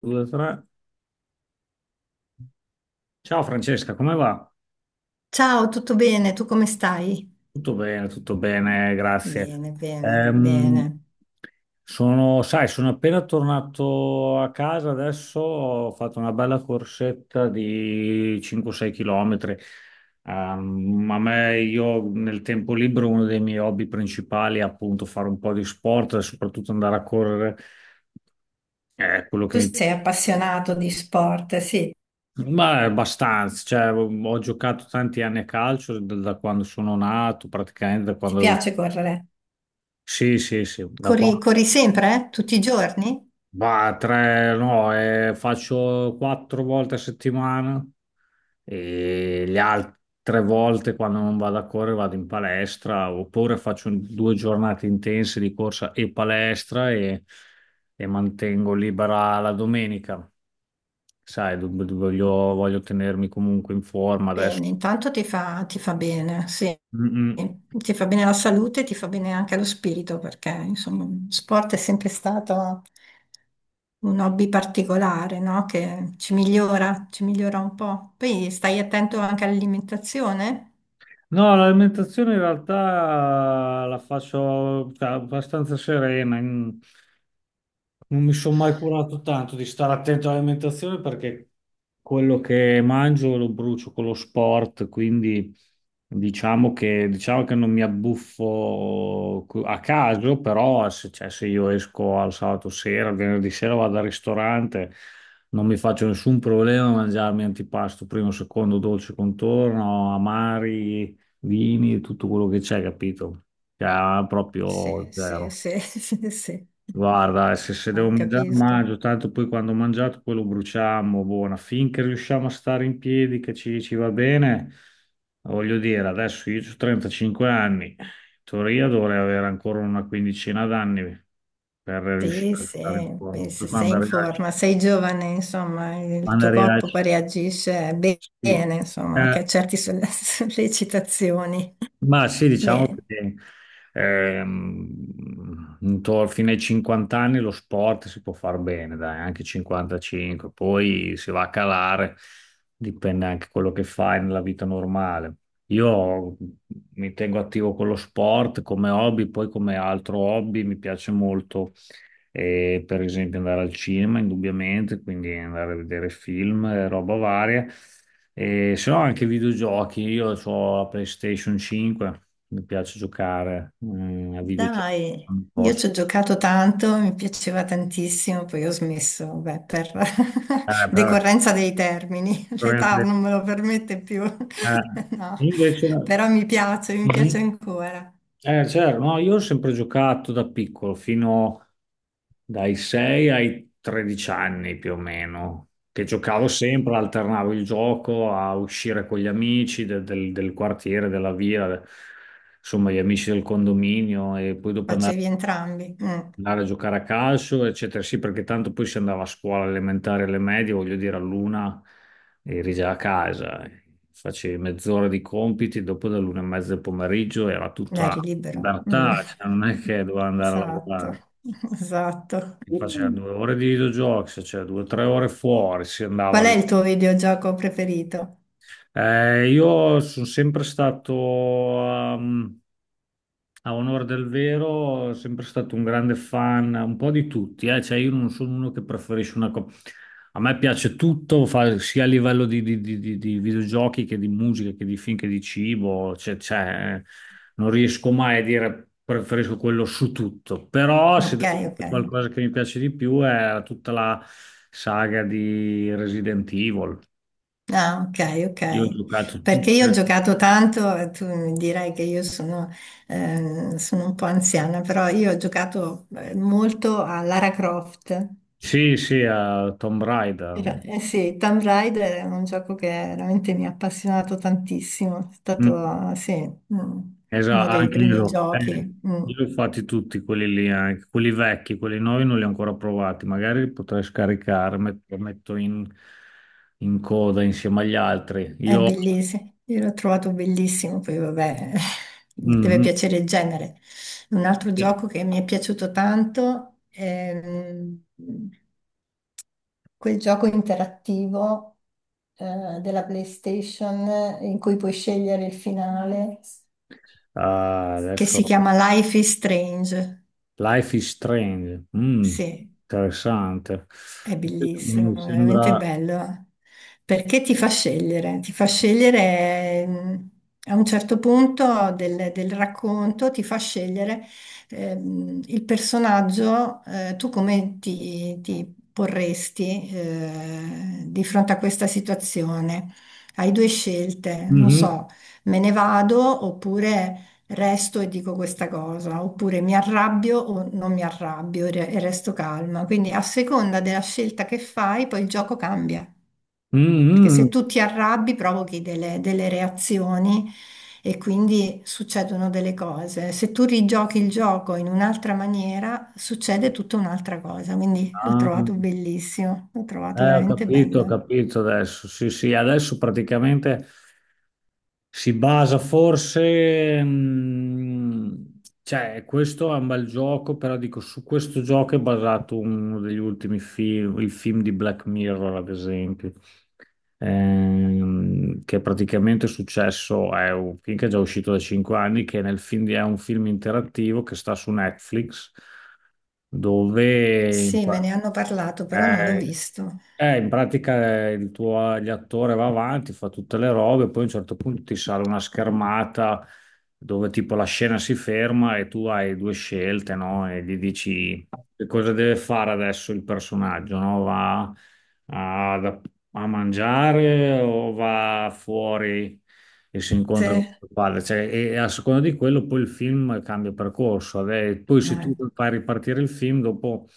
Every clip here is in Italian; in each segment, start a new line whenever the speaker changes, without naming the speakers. Due, tre. Ciao Francesca, come va?
Ciao, tutto bene? Tu come stai?
Tutto bene, grazie.
Bene, bene,
Ehm,
bene.
sai, sono appena tornato a casa adesso, ho fatto una bella corsetta di 5-6 km. Io nel tempo libero, uno dei miei hobby principali è appunto fare un po' di sport, soprattutto andare a correre, è quello che
Tu
mi
sei
piace.
appassionato di sport, sì,
Ma è abbastanza, cioè, ho giocato tanti anni a calcio da quando sono nato, praticamente da
ti
quando.
piace correre?
Sì, sì, sì, da
Corri,
qua.
corri sempre, eh? Tutti i giorni?
Va, tre, no, faccio quattro volte a settimana e le altre volte quando non vado a correre vado in palestra oppure faccio 2 giornate intense di corsa e palestra e mantengo libera la domenica. Sai, voglio tenermi comunque in forma adesso.
Bene, intanto ti fa bene, sì.
Mm, mm.
Ti fa bene la salute, ti fa bene anche lo spirito, perché insomma, sport è sempre stato un hobby particolare, no? Che ci migliora un po'. Poi stai attento anche all'alimentazione?
No, l'alimentazione in realtà la faccio, cioè, abbastanza serena, in- non mi sono mai curato tanto di stare attento all'alimentazione perché quello che mangio lo brucio con lo sport, quindi diciamo che non mi abbuffo cu- a caso, però se, cioè, se io esco al sabato sera, al venerdì sera vado al ristorante, non mi faccio nessun problema a mangiarmi antipasto, primo, secondo, dolce contorno, amari, vini, tutto quello che c'è, capito? Cioè,
Sì,
proprio
sì,
zero.
sì, sì, sì.
Guarda, se devo
No,
mangiare,
capisco.
mangio, tanto poi quando ho mangiato poi lo bruciamo, buona, finché riusciamo a stare in piedi, che ci va bene, voglio dire, adesso io ho 35 anni, in teoria dovrei avere ancora una quindicina d'anni per
Sì,
riuscire a
sì,
stare un
beh,
po', poi
se sei in forma, sei giovane, insomma, il
quando
tuo
arrivi al-
corpo poi reagisce
sì.
bene, insomma, anche a
Eh,
certe sollecitazioni.
Ma sì, diciamo
Bene,
che fino ai 50 anni lo sport si può far bene, dai, anche 55, poi si va a calare, dipende anche quello che fai nella vita normale. Io mi tengo attivo con lo sport come hobby, poi come altro hobby mi piace molto, per esempio, andare al cinema, indubbiamente, quindi andare a vedere film, roba varia. E se no anche videogiochi, io ho la PlayStation 5, mi piace giocare a videogiochi,
dai,
non
io
posso.
ci ho giocato tanto, mi piaceva tantissimo, poi ho smesso, beh, per
Eh, per-
decorrenza dei termini, l'età
per-
non me lo permette più,
eh,
no,
Invece.
però mi piace
Mhm.
ancora,
Certo, no, io ho sempre giocato da piccolo, fino dai 6 ai 13 anni più o meno, che giocavo sempre, alternavo il gioco a uscire con gli amici del quartiere, della via, insomma gli amici del condominio e poi dopo andare
facevi entrambi. Mm.
andare a giocare a calcio, eccetera. Sì, perché tanto poi si andava a scuola elementare, alle medie, voglio dire, all'una eri già a casa, facevi mezz'ora di compiti, dopo dall'una e mezza del pomeriggio era
Dai,
tutta
libero. Mm.
libertà, cioè non è che doveva andare a
Esatto,
lavorare.
esatto.
Si faceva
Qual
2 ore di videogiochi, cioè 2 o 3 ore fuori, si andava
è
lì.
il tuo videogioco preferito?
Io sono sempre stato, ehm, a onore del vero, sempre stato un grande fan, un po' di tutti, eh. Cioè, io non sono uno che preferisce una cosa. A me piace tutto, sia a livello di videogiochi che di musica, che di film, che di cibo, cioè, non riesco mai a dire preferisco quello su tutto, però se
Ok,
devo
ok.
dire qualcosa che mi piace di più è tutta la saga di Resident Evil.
Ah, ok, ok.
Io ho giocato
Perché io ho
tutte.
giocato tanto, tu mi dirai che io sono, sono un po' anziana, però io ho giocato molto a Lara Croft.
Sì, sì, a Tomb Raider.
Eh sì, Tomb Raider è un gioco che veramente mi ha appassionato tantissimo, è
Mm,
stato, sì, mm, uno
esatto,
dei
anche io.
primi giochi. Mm.
Io li ho fatti tutti quelli lì, anche quelli vecchi, quelli nuovi non li ho ancora provati. Magari li potrei scaricare, lo metto in, coda insieme agli altri.
È
Io.
bellissimo, io l'ho trovato bellissimo, poi vabbè, deve
Mhm,
piacere il genere. Un altro
sì.
gioco che mi è piaciuto tanto è mm, quel gioco interattivo della PlayStation in cui puoi scegliere il finale,
Ah,
che
adesso.
si chiama Life is Strange.
Life is Strange. Mm,
Sì,
interessante.
è bellissimo,
Mi
è veramente
sembra.
bello, perché ti fa scegliere a un certo punto del racconto, ti fa scegliere il personaggio, tu come ti porresti di fronte a questa situazione. Hai due scelte, non
Mhm,
so, me ne vado oppure resto e dico questa cosa, oppure mi arrabbio o non mi arrabbio e e resto calma. Quindi a seconda della scelta che fai, poi il gioco cambia. Perché
mhm.
se tu ti arrabbi, provochi delle reazioni e quindi succedono delle cose. Se tu rigiochi il gioco in un'altra maniera, succede tutta un'altra cosa. Quindi l'ho
Ah.
trovato bellissimo, l'ho trovato
Ho
veramente
capito, ho
bello.
capito adesso. Sì, sì, adesso praticamente si basa forse, cioè questo è un bel gioco, però dico su questo gioco è basato uno degli ultimi film, il film di Black Mirror, ad esempio, che praticamente è successo, è un film che è già uscito da 5 anni, che nel film è un film interattivo che sta su Netflix, dove.
Sì, me ne hanno parlato, però non l'ho
Eh,
visto.
In pratica, il tuo l'attore va avanti, fa tutte le robe, poi a un certo punto ti sale una schermata dove tipo la scena si ferma e tu hai due scelte, no? E gli dici che cosa deve fare adesso il personaggio, no? Va a, da- a mangiare o va fuori e si
Sì.
incontra con il padre? Cioè, e a seconda di quello poi il film cambia percorso. Vabbè, poi se tu fai ripartire il film, dopo,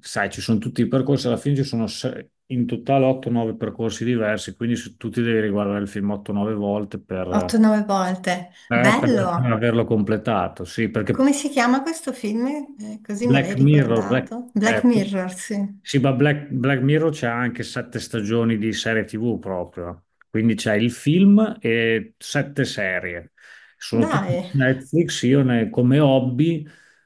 sai, ci sono tutti i percorsi, alla fine ci sono in totale 8-9 percorsi diversi, quindi se tu ti devi riguardare il film 8-9 volte per...
8-9 volte.
eh, per per
Bello!
averlo completato, sì, perché
Come si chiama questo film? Così me
Black
l'hai
Mirror,
ricordato. Black
eh,
Mirror, sì.
sì, ma Black Mirror c'è anche sette stagioni di serie TV proprio. Quindi c'è il film e sette serie. Sono tutti su
Dai,
Netflix. Come hobby,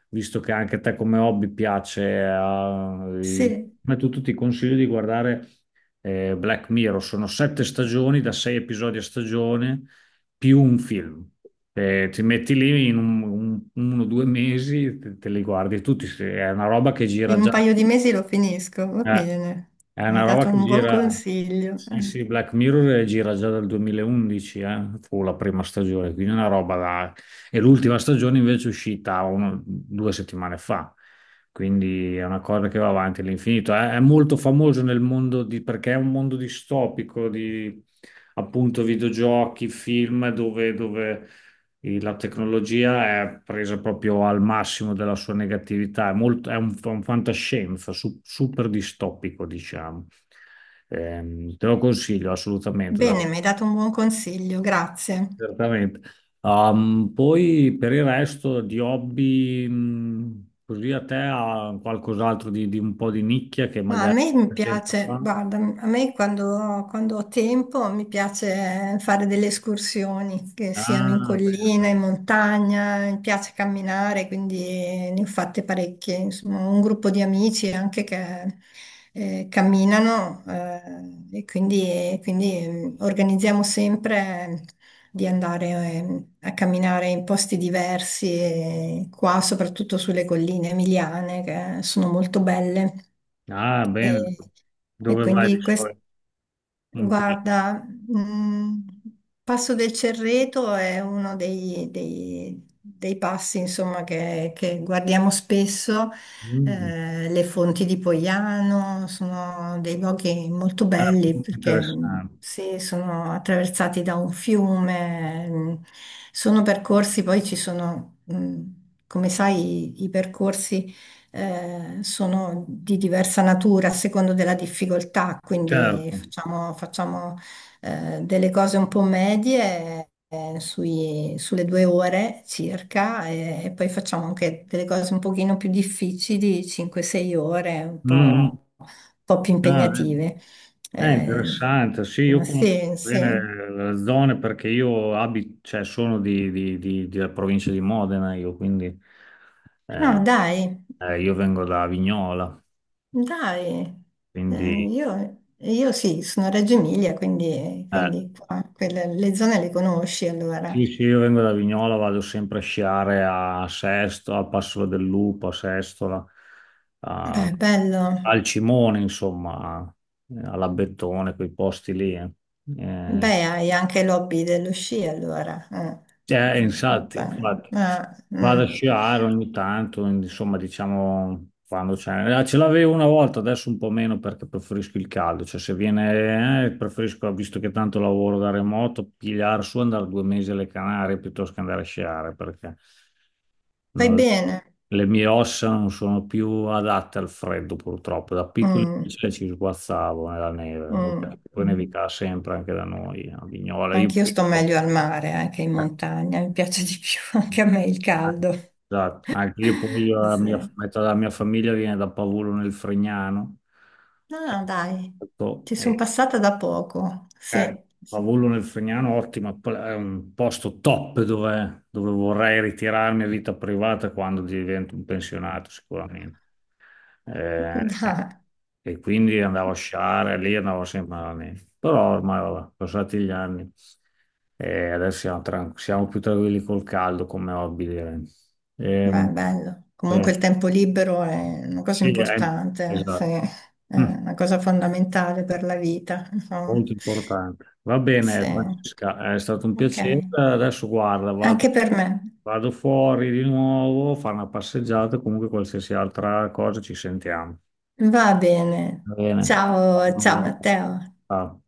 visto che anche a te come hobby piace,
sì,
ma tu ti consiglio di guardare Black Mirror. Sono sette stagioni da sei episodi a stagione più un film. Ti metti lì in 1 o 2 mesi, te li guardi tutti. È una roba che gira
in un
già.
paio di mesi lo finisco, va
eh,
bene.
è
Mi hai
una roba
dato
che
un buon
gira.
consiglio.
Sì,
Eh.
sì, Black Mirror gira già dal 2011, fu la prima stagione, quindi una roba da. E l'ultima stagione invece è uscita 2 settimane fa, quindi è una cosa che va avanti all'infinito. È molto famoso nel mondo di, perché è un mondo distopico di appunto videogiochi, film, dove la tecnologia è presa proprio al massimo della sua negatività. È molto, è un fantascienza, super distopico, diciamo. Te lo consiglio assolutamente,
Bene, mi hai dato un buon consiglio, grazie.
certamente. Poi per il resto di hobby, così a te ha qualcos'altro di un po' di nicchia che
Ma a
magari
me mi
poca gente
piace,
fa?
guarda, a me quando, quando ho tempo mi piace fare delle escursioni, che siano in
Ah, bene.
collina, in montagna, mi piace camminare, quindi ne ho fatte parecchie. Insomma, ho un gruppo di amici anche che camminano e quindi, quindi, mm, organizziamo sempre di andare a camminare in posti diversi, e qua soprattutto sulle colline emiliane che sono molto belle.
Ah,
E,
bene.
e
Dove vai di
quindi
solito? In quel-
guarda, mh, Passo del Cerreto è uno dei, dei passi, insomma, che guardiamo spesso.
Mm.
Le fonti di Poiano sono dei luoghi molto
Ah,
belli
molto
perché
interessante.
sì, sono attraversati da un fiume, sono percorsi, poi ci sono, come sai, i percorsi sono di diversa natura a secondo della difficoltà, quindi
Certo.
facciamo, facciamo, delle cose un po' medie. Eh, sulle due ore circa e poi facciamo anche delle cose un pochino più difficili, 5-6 ore,
Mm, mm.
un po' più
Ah, eh.
impegnative.
È
Eh,
interessante, sì, io conosco
sì, sì.
bene le zone perché io abito, cioè sono della provincia di Modena, io quindi, eh,
Ah, dai.
io vengo da Vignola,
Dai,
quindi
io sì, sono a Reggio Emilia, quindi,
eh,
quindi qua, le zone le conosci
sì,
allora.
sì, io vengo da Vignola, vado sempre a sciare a Sesto, a Passola del Lupo, a Sestola, a-
Beh, bello.
al Cimone, insomma, all'Abbettone, quei posti lì. Eh,
Beh, hai anche l'hobby dello sci allora. Eh. Mm,
Infatti,
cioè,
infatti.
ah,
Vado a
mm.
sciare ogni tanto, insomma, diciamo quando c'è. Ce l'avevo una volta, adesso un po' meno perché preferisco il caldo. Cioè, se viene, preferisco, visto che tanto lavoro da remoto, pigliare su, andare 2 mesi alle Canarie piuttosto che andare a sciare perché
Fai
no,
bene.
le mie ossa non sono più adatte al freddo, purtroppo. Da piccoli
Mm,
invece ci sguazzavo nella neve. Vabbè,
mm,
poi
mm.
nevicava sempre anche da noi a Vignola. Io.
Anche io sto meglio al mare, anche in montagna, mi piace di più, anche a me il
Ah.
caldo.
Esatto, anche io poi
Sì.
metà della mia famiglia viene da Pavullo nel Fregnano,
No,
che è,
no, dai,
molto-
ci sono
eh,
passata da poco, sì.
eh, Pavullo nel Fregnano, ottimo, è un posto top dove vorrei ritirarmi a vita privata quando divento un pensionato, sicuramente. Eh,
Dai.
e quindi andavo a sciare lì, andavo sempre alla neve. Però ormai, vabbè, sono passati gli anni e adesso siamo, siamo più tranquilli col caldo come hobby, direi.
Beh,
Ehm,
bello. Comunque
Beh,
il tempo libero è una cosa
sì,
importante, sì,
esatto.
è
Mm,
una cosa fondamentale per la vita, insomma.
Molto importante. Va
Sì.
bene, Francesca, è stato un
Ok,
piacere. Adesso guarda,
anche
vado,
per me.
vado fuori di nuovo a fare una passeggiata, comunque qualsiasi altra cosa ci sentiamo.
Va bene.
Va bene.
Ciao, ciao Matteo.
Ciao.